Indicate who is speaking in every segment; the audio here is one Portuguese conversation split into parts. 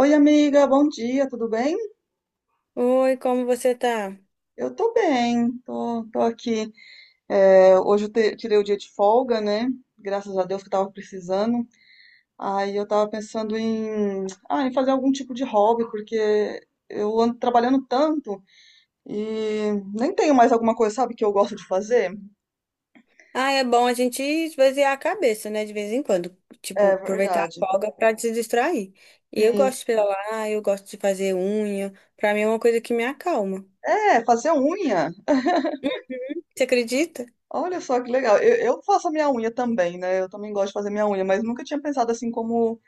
Speaker 1: Oi, amiga, bom dia, tudo bem?
Speaker 2: Oi, como você tá?
Speaker 1: Eu tô bem, tô aqui. É, hoje eu tirei o dia de folga, né? Graças a Deus que eu tava precisando. Aí eu tava pensando em fazer algum tipo de hobby, porque eu ando trabalhando tanto e nem tenho mais alguma coisa, sabe, que eu gosto de fazer?
Speaker 2: Ah, é bom a gente esvaziar a cabeça, né, de vez em quando. Tipo,
Speaker 1: É
Speaker 2: aproveitar a
Speaker 1: verdade.
Speaker 2: folga pra se distrair. E eu
Speaker 1: Sim,
Speaker 2: gosto de
Speaker 1: sim.
Speaker 2: pedalar, eu gosto de fazer unha. Pra mim é uma coisa que me acalma.
Speaker 1: É, fazer unha.
Speaker 2: Você acredita?
Speaker 1: Olha só que legal. Eu faço a minha unha também, né? Eu também gosto de fazer minha unha, mas nunca tinha pensado assim como,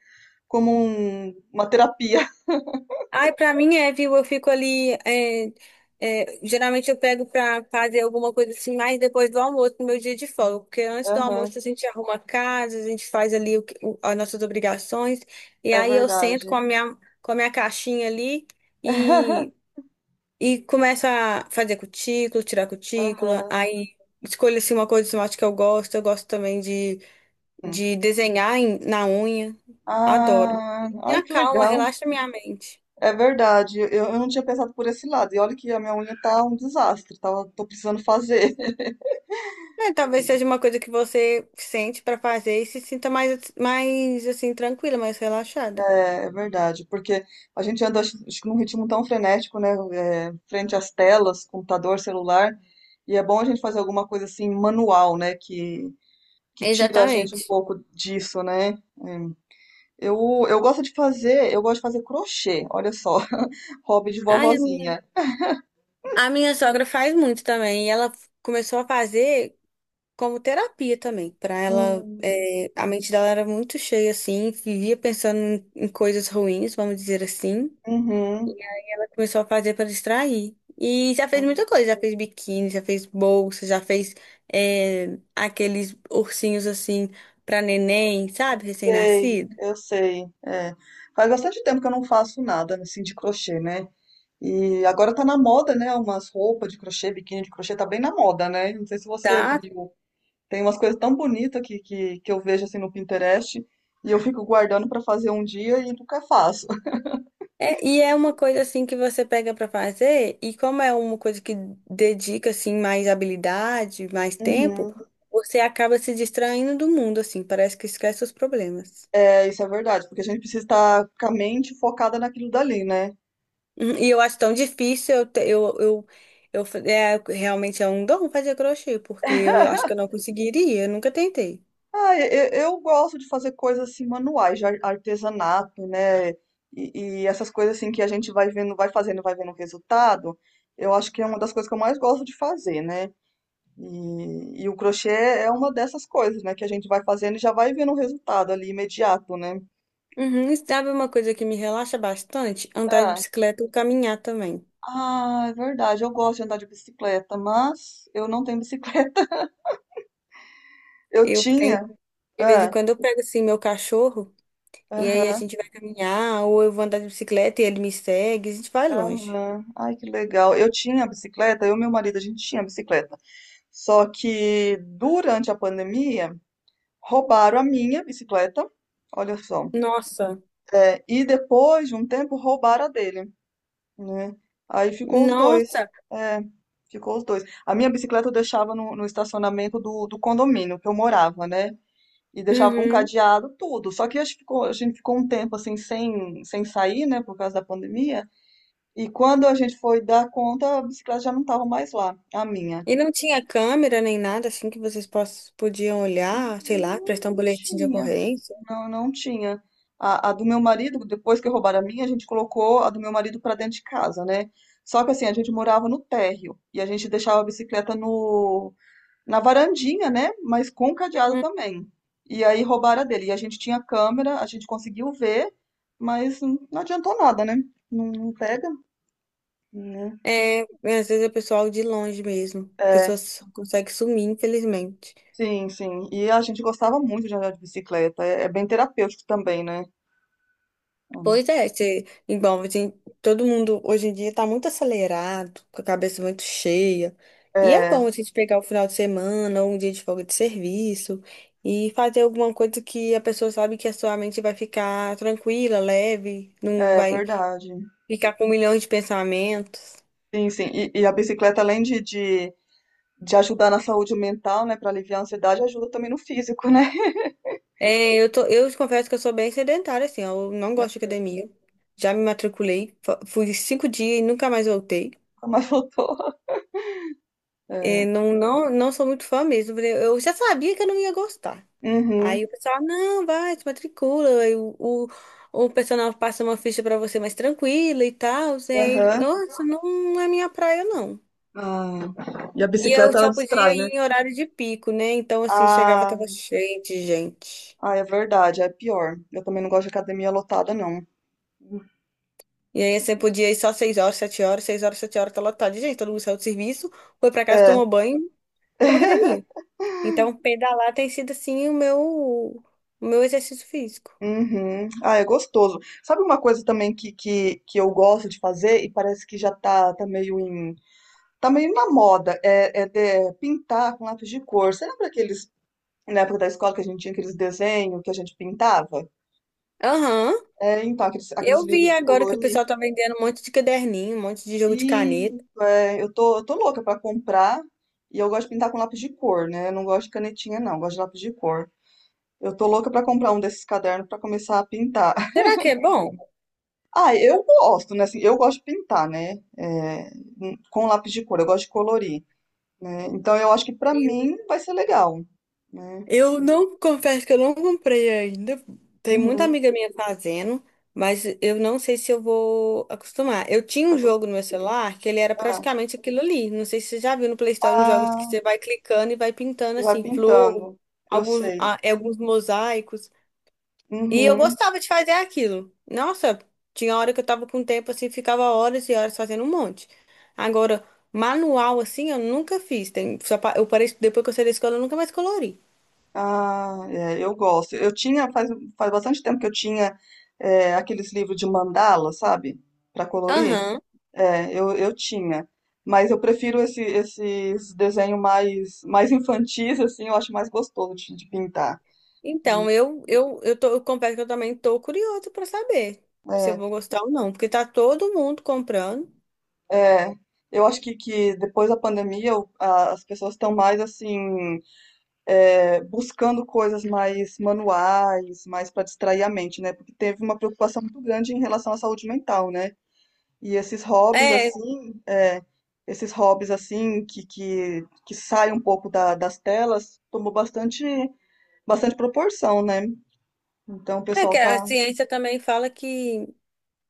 Speaker 1: como uma terapia.
Speaker 2: Ai, pra mim é, viu? Eu fico ali. Geralmente eu pego pra fazer alguma coisa assim, mais depois do almoço, no meu dia de folga. Porque antes do
Speaker 1: Aham,
Speaker 2: almoço a gente arruma a casa, a gente faz ali as nossas obrigações. E
Speaker 1: é
Speaker 2: aí eu sento
Speaker 1: verdade.
Speaker 2: com a minha caixinha ali. E E começa a fazer cutícula, tirar cutícula,
Speaker 1: Aham.
Speaker 2: aí escolho assim uma cor de esmalte que eu gosto. Eu gosto também de,
Speaker 1: Sim.
Speaker 2: de desenhar na unha. Adoro.
Speaker 1: Ah,
Speaker 2: Me
Speaker 1: ai que
Speaker 2: acalma,
Speaker 1: legal.
Speaker 2: relaxa minha mente.
Speaker 1: É verdade. Eu não tinha pensado por esse lado. E olha que a minha unha tá um desastre, tá? Tô precisando fazer.
Speaker 2: É, talvez seja uma coisa que você sente pra fazer e se sinta mais, mais assim, tranquila, mais relaxada.
Speaker 1: É, é verdade, porque a gente anda acho que num ritmo tão frenético, né? É, frente às telas, computador, celular. E é bom a gente fazer alguma coisa assim manual, né? Que tira a gente um
Speaker 2: Exatamente.
Speaker 1: pouco disso, né? Eu, eu gosto de fazer, eu gosto de fazer crochê, olha só, hobby de
Speaker 2: Ai, a minha,
Speaker 1: vovozinha.
Speaker 2: a minha sogra faz muito também. E ela começou a fazer como terapia também, para ela.
Speaker 1: Hum,
Speaker 2: A mente dela era muito cheia assim, vivia pensando em coisas ruins, vamos dizer assim,
Speaker 1: uhum.
Speaker 2: e ela começou a fazer para distrair. E já fez muita coisa, já fez biquíni, já fez bolsa, já fez aqueles ursinhos assim para neném, sabe,
Speaker 1: Sei,
Speaker 2: recém-nascido.
Speaker 1: eu sei. É. Faz bastante tempo que eu não faço nada, né, assim de crochê, né? E agora tá na moda, né? Umas roupas de crochê, biquíni de crochê, tá bem na moda, né? Não sei se você
Speaker 2: Tá.
Speaker 1: viu. Tem umas coisas tão bonitas que eu vejo assim no Pinterest e eu fico guardando pra fazer um dia e nunca faço.
Speaker 2: É, e é uma coisa assim que você pega pra fazer, e como é uma coisa que dedica assim mais habilidade, mais tempo,
Speaker 1: Uhum.
Speaker 2: você acaba se distraindo do mundo assim, parece que esquece os problemas.
Speaker 1: É, isso é verdade, porque a gente precisa estar com a mente focada naquilo dali, né?
Speaker 2: Uhum. E eu acho tão difícil, eu, te- eu fa- é, realmente é um dom fazer crochê, porque eu acho que eu não conseguiria, eu nunca tentei.
Speaker 1: Ah, eu gosto de fazer coisas assim manuais, de artesanato, né? E essas coisas assim que a gente vai vendo, vai fazendo, vai vendo o resultado. Eu acho que é uma das coisas que eu mais gosto de fazer, né? E o crochê é uma dessas coisas, né? Que a gente vai fazendo e já vai vendo o resultado ali imediato, né?
Speaker 2: Uhum. E sabe uma coisa que me relaxa bastante? Andar de
Speaker 1: Ah,
Speaker 2: bicicleta ou caminhar também.
Speaker 1: ah, é verdade. Eu gosto de andar de bicicleta, mas eu não tenho bicicleta. Eu
Speaker 2: Eu tenho,
Speaker 1: tinha.
Speaker 2: de vez em
Speaker 1: Ah,
Speaker 2: quando eu pego assim meu cachorro, e aí a
Speaker 1: aham,
Speaker 2: gente vai caminhar, ou eu vou andar de bicicleta e ele me segue, a gente vai longe.
Speaker 1: aham. Ai, que legal. Eu tinha bicicleta, eu e meu marido, a gente tinha bicicleta. Só que durante a pandemia roubaram a minha bicicleta, olha só,
Speaker 2: Nossa,
Speaker 1: é, e depois de um tempo roubaram a dele, né? Aí ficou os dois,
Speaker 2: nossa,
Speaker 1: é, ficou os dois. A minha bicicleta eu deixava no estacionamento do condomínio que eu morava, né? E deixava com
Speaker 2: uhum.
Speaker 1: cadeado tudo. Só que a gente ficou um tempo assim sem sair, né, por causa da pandemia. E quando a gente foi dar conta, a bicicleta já não estava mais lá, a minha.
Speaker 2: E não tinha câmera nem nada assim que vocês podiam olhar, sei lá,
Speaker 1: Não,
Speaker 2: prestar um
Speaker 1: não
Speaker 2: boletim de
Speaker 1: tinha.
Speaker 2: ocorrência.
Speaker 1: Não, não tinha. A do meu marido, depois que roubaram a minha, a gente colocou a do meu marido pra dentro de casa, né? Só que assim, a gente morava no térreo e a gente deixava a bicicleta no, na varandinha, né? Mas com cadeado
Speaker 2: Uhum.
Speaker 1: também. E aí roubaram a dele. E a gente tinha câmera, a gente conseguiu ver, mas não adiantou nada, né? Não, não pega, né?
Speaker 2: É, às vezes é pessoal de longe mesmo.
Speaker 1: É,
Speaker 2: Pessoas conseguem sumir, infelizmente.
Speaker 1: sim, sim. E a gente gostava muito de andar de bicicleta. É, é bem terapêutico também, né?
Speaker 2: Pois é, você, igual, assim, todo mundo hoje em dia tá muito acelerado, com a cabeça muito cheia. E é
Speaker 1: É.
Speaker 2: bom a gente pegar o final de semana ou um dia de folga de serviço e fazer alguma coisa que a pessoa sabe que a sua mente vai ficar tranquila, leve, não
Speaker 1: É
Speaker 2: vai
Speaker 1: verdade.
Speaker 2: ficar com milhões de pensamentos.
Speaker 1: Sim, sim. E a bicicleta, além de ajudar na saúde mental, né, para aliviar a ansiedade, ajuda também no físico, né?
Speaker 2: É, eu te confesso que eu sou bem sedentária, assim, ó, eu não gosto de academia. Já me matriculei, fui 5 dias e nunca mais voltei.
Speaker 1: Como ela faltou.
Speaker 2: É, não, não, não sou muito fã mesmo. Porque eu já sabia que eu não ia gostar.
Speaker 1: Uhum,
Speaker 2: Aí o pessoal, não, vai, te matricula. Aí o personal passa uma ficha pra você mais tranquila e tal. E aí,
Speaker 1: aham.
Speaker 2: nossa, não é minha praia, não.
Speaker 1: Ah, e a
Speaker 2: E eu
Speaker 1: bicicleta, ela
Speaker 2: só podia
Speaker 1: distrai, né?
Speaker 2: ir em horário de pico, né? Então, assim, chegava, tava
Speaker 1: Ah,
Speaker 2: cheio de gente.
Speaker 1: ah, é verdade, é pior. Eu também não gosto de academia lotada, não.
Speaker 2: E aí você podia ir só 6 horas, 7 horas, 6 horas, 7 horas, tá lotado de gente. Todo mundo saiu do serviço, foi pra casa,
Speaker 1: É,
Speaker 2: tomou banho, foi pra academia. Então, pedalar tem sido, assim, o meu exercício físico.
Speaker 1: uhum. Ah, é gostoso. Sabe uma coisa também que eu gosto de fazer e parece que já tá meio em. Tá meio na moda, é é pintar com lápis de cor. Você lembra aqueles na época da escola que a gente tinha aqueles desenhos que a gente pintava.
Speaker 2: Aham.
Speaker 1: É, então, aqueles
Speaker 2: Eu
Speaker 1: livros
Speaker 2: vi
Speaker 1: de
Speaker 2: agora que o
Speaker 1: colorir.
Speaker 2: pessoal tá vendendo um monte de caderninho, um monte de jogo de
Speaker 1: E
Speaker 2: caneta.
Speaker 1: é, eu tô louca pra comprar. E eu gosto de pintar com lápis de cor, né? Eu não gosto de canetinha, não. Eu gosto de lápis de cor. Eu tô louca pra comprar um desses cadernos pra começar a pintar.
Speaker 2: Será que é bom?
Speaker 1: Ah, eu gosto, né? Assim, eu gosto de pintar, né? É, com lápis de cor. Eu gosto de colorir, né? Então, eu acho que pra
Speaker 2: Eu
Speaker 1: mim vai ser legal, né?
Speaker 2: Eu não confesso que eu não comprei ainda. Tem muita
Speaker 1: Uhum,
Speaker 2: amiga minha fazendo, mas eu não sei se eu vou acostumar. Eu tinha
Speaker 1: vai
Speaker 2: um
Speaker 1: gostar.
Speaker 2: jogo no meu celular que ele era praticamente aquilo ali. Não sei se você já viu no Play Store uns jogos que
Speaker 1: Ah,
Speaker 2: você vai clicando e vai pintando
Speaker 1: e vai
Speaker 2: assim, flor,
Speaker 1: pintando. Eu
Speaker 2: alguns,
Speaker 1: sei.
Speaker 2: ah, é, alguns mosaicos. E eu
Speaker 1: Uhum.
Speaker 2: gostava de fazer aquilo. Nossa, tinha hora que eu tava com tempo assim, ficava horas e horas fazendo um monte. Agora, manual assim, eu nunca fiz. Eu parei, depois que eu saí da escola, eu nunca mais colori.
Speaker 1: Ah, é, eu gosto. Faz bastante tempo que eu tinha aqueles livros de mandala, sabe? Para colorir.
Speaker 2: Aham.
Speaker 1: É, eu tinha. Mas eu prefiro esses desenhos mais infantis, assim, eu acho mais gostoso de pintar.
Speaker 2: Então, eu confesso que eu também tô curiosa pra saber se eu vou gostar ou não, porque tá todo mundo comprando.
Speaker 1: É, eu acho que depois da pandemia as pessoas estão mais, assim, é, buscando coisas mais manuais, mais para distrair a mente, né? Porque teve uma preocupação muito grande em relação à saúde mental, né? E esses hobbies
Speaker 2: É,
Speaker 1: assim, é, esses hobbies assim que saem um pouco das telas, tomou bastante proporção, né? Então o
Speaker 2: é que
Speaker 1: pessoal
Speaker 2: a
Speaker 1: tá.
Speaker 2: ciência também fala que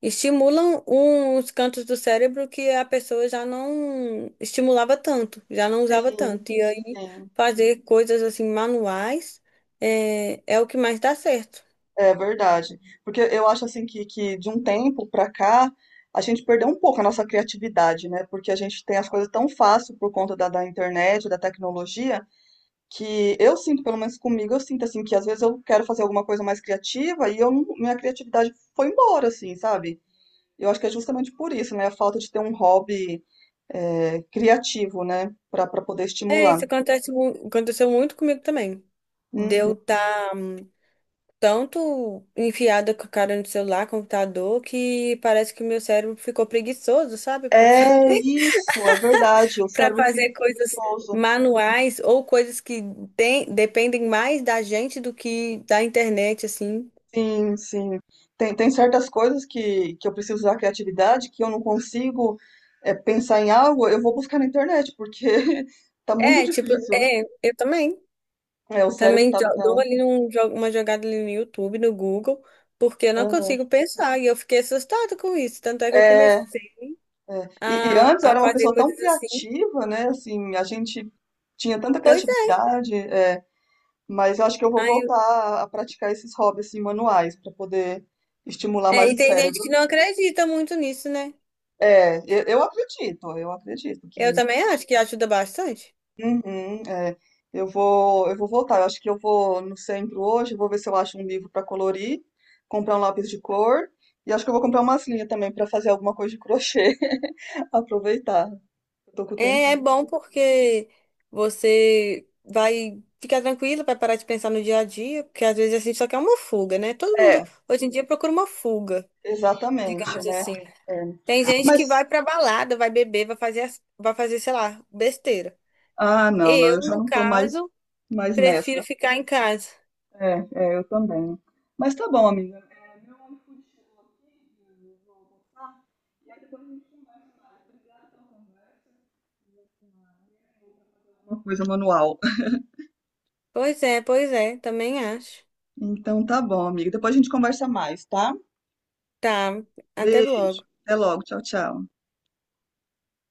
Speaker 2: estimulam uns cantos do cérebro que a pessoa já não estimulava tanto, já não usava
Speaker 1: Sim,
Speaker 2: tanto. E aí,
Speaker 1: sim,
Speaker 2: fazer coisas assim manuais é o que mais dá certo.
Speaker 1: é verdade. Porque eu acho assim que de um tempo pra cá a gente perdeu um pouco a nossa criatividade, né? Porque a gente tem as coisas tão fácil por conta da internet, da tecnologia, que eu sinto, pelo menos comigo, eu sinto assim que às vezes eu quero fazer alguma coisa mais criativa e eu minha criatividade foi embora, assim, sabe? Eu acho que é justamente por isso, né? A falta de ter um hobby é, criativo, né? Para para poder
Speaker 2: É,
Speaker 1: estimular.
Speaker 2: isso acontece, aconteceu muito comigo também.
Speaker 1: Uhum.
Speaker 2: Deu tá tanto enfiada com a cara no celular, computador, que parece que o meu cérebro ficou preguiçoso, sabe? Pra
Speaker 1: É isso, é verdade. O
Speaker 2: para
Speaker 1: cérebro fica
Speaker 2: fazer coisas
Speaker 1: preguiçoso.
Speaker 2: manuais ou coisas que dependem mais da gente do que da internet, assim.
Speaker 1: Sim, sim. Tem certas coisas que eu preciso usar a criatividade, que eu não consigo é, pensar em algo, eu vou buscar na internet, porque tá muito
Speaker 2: É, tipo,
Speaker 1: difícil.
Speaker 2: eu também.
Speaker 1: É,
Speaker 2: Também
Speaker 1: tá.
Speaker 2: dou ali uma jogada ali no YouTube, no Google, porque eu não
Speaker 1: Aham.
Speaker 2: consigo pensar. E eu fiquei assustada com isso. Tanto é que eu
Speaker 1: É, é.
Speaker 2: comecei
Speaker 1: E
Speaker 2: a,
Speaker 1: antes eu
Speaker 2: a
Speaker 1: era uma
Speaker 2: fazer
Speaker 1: pessoa tão
Speaker 2: coisas assim.
Speaker 1: criativa, né? Assim, a gente tinha tanta
Speaker 2: Pois é.
Speaker 1: criatividade. É, mas eu acho que eu vou
Speaker 2: Aí eu-
Speaker 1: voltar a praticar esses hobbies assim, manuais para poder estimular mais
Speaker 2: E
Speaker 1: o
Speaker 2: tem gente que
Speaker 1: cérebro.
Speaker 2: não acredita muito nisso, né?
Speaker 1: É, eu acredito
Speaker 2: Eu
Speaker 1: que
Speaker 2: também acho que ajuda bastante.
Speaker 1: uhum, é. Eu vou voltar. Eu acho que eu vou no centro hoje, vou ver se eu acho um livro para colorir, comprar um lápis de cor e acho que eu vou comprar umas linhas também para fazer alguma coisa de crochê, aproveitar. Eu tô com o tempo
Speaker 2: É bom
Speaker 1: livre.
Speaker 2: porque você vai ficar tranquilo, vai parar de pensar no dia a dia, porque às vezes a gente só quer uma fuga, né? Todo mundo
Speaker 1: É,
Speaker 2: hoje em dia procura uma fuga,
Speaker 1: exatamente,
Speaker 2: digamos
Speaker 1: né?
Speaker 2: assim.
Speaker 1: É.
Speaker 2: Tem gente que
Speaker 1: Mas
Speaker 2: vai pra balada, vai beber, vai fazer, sei lá, besteira.
Speaker 1: ah, não, não, eu
Speaker 2: Eu,
Speaker 1: já
Speaker 2: no
Speaker 1: não tô mais
Speaker 2: caso, prefiro
Speaker 1: nessa.
Speaker 2: ficar em casa.
Speaker 1: É, é, eu também. Mas tá bom, amiga. É, meu iFood chegou aqui, eu vou almoçar, e aí depois a gente conversa mais. Obrigada pela conversa, que eu uma coisa manual.
Speaker 2: Pois é, também acho.
Speaker 1: Então tá bom, amiga. Depois a gente conversa mais, tá?
Speaker 2: Tá, até
Speaker 1: Beijo.
Speaker 2: logo.
Speaker 1: Até logo. Tchau, tchau.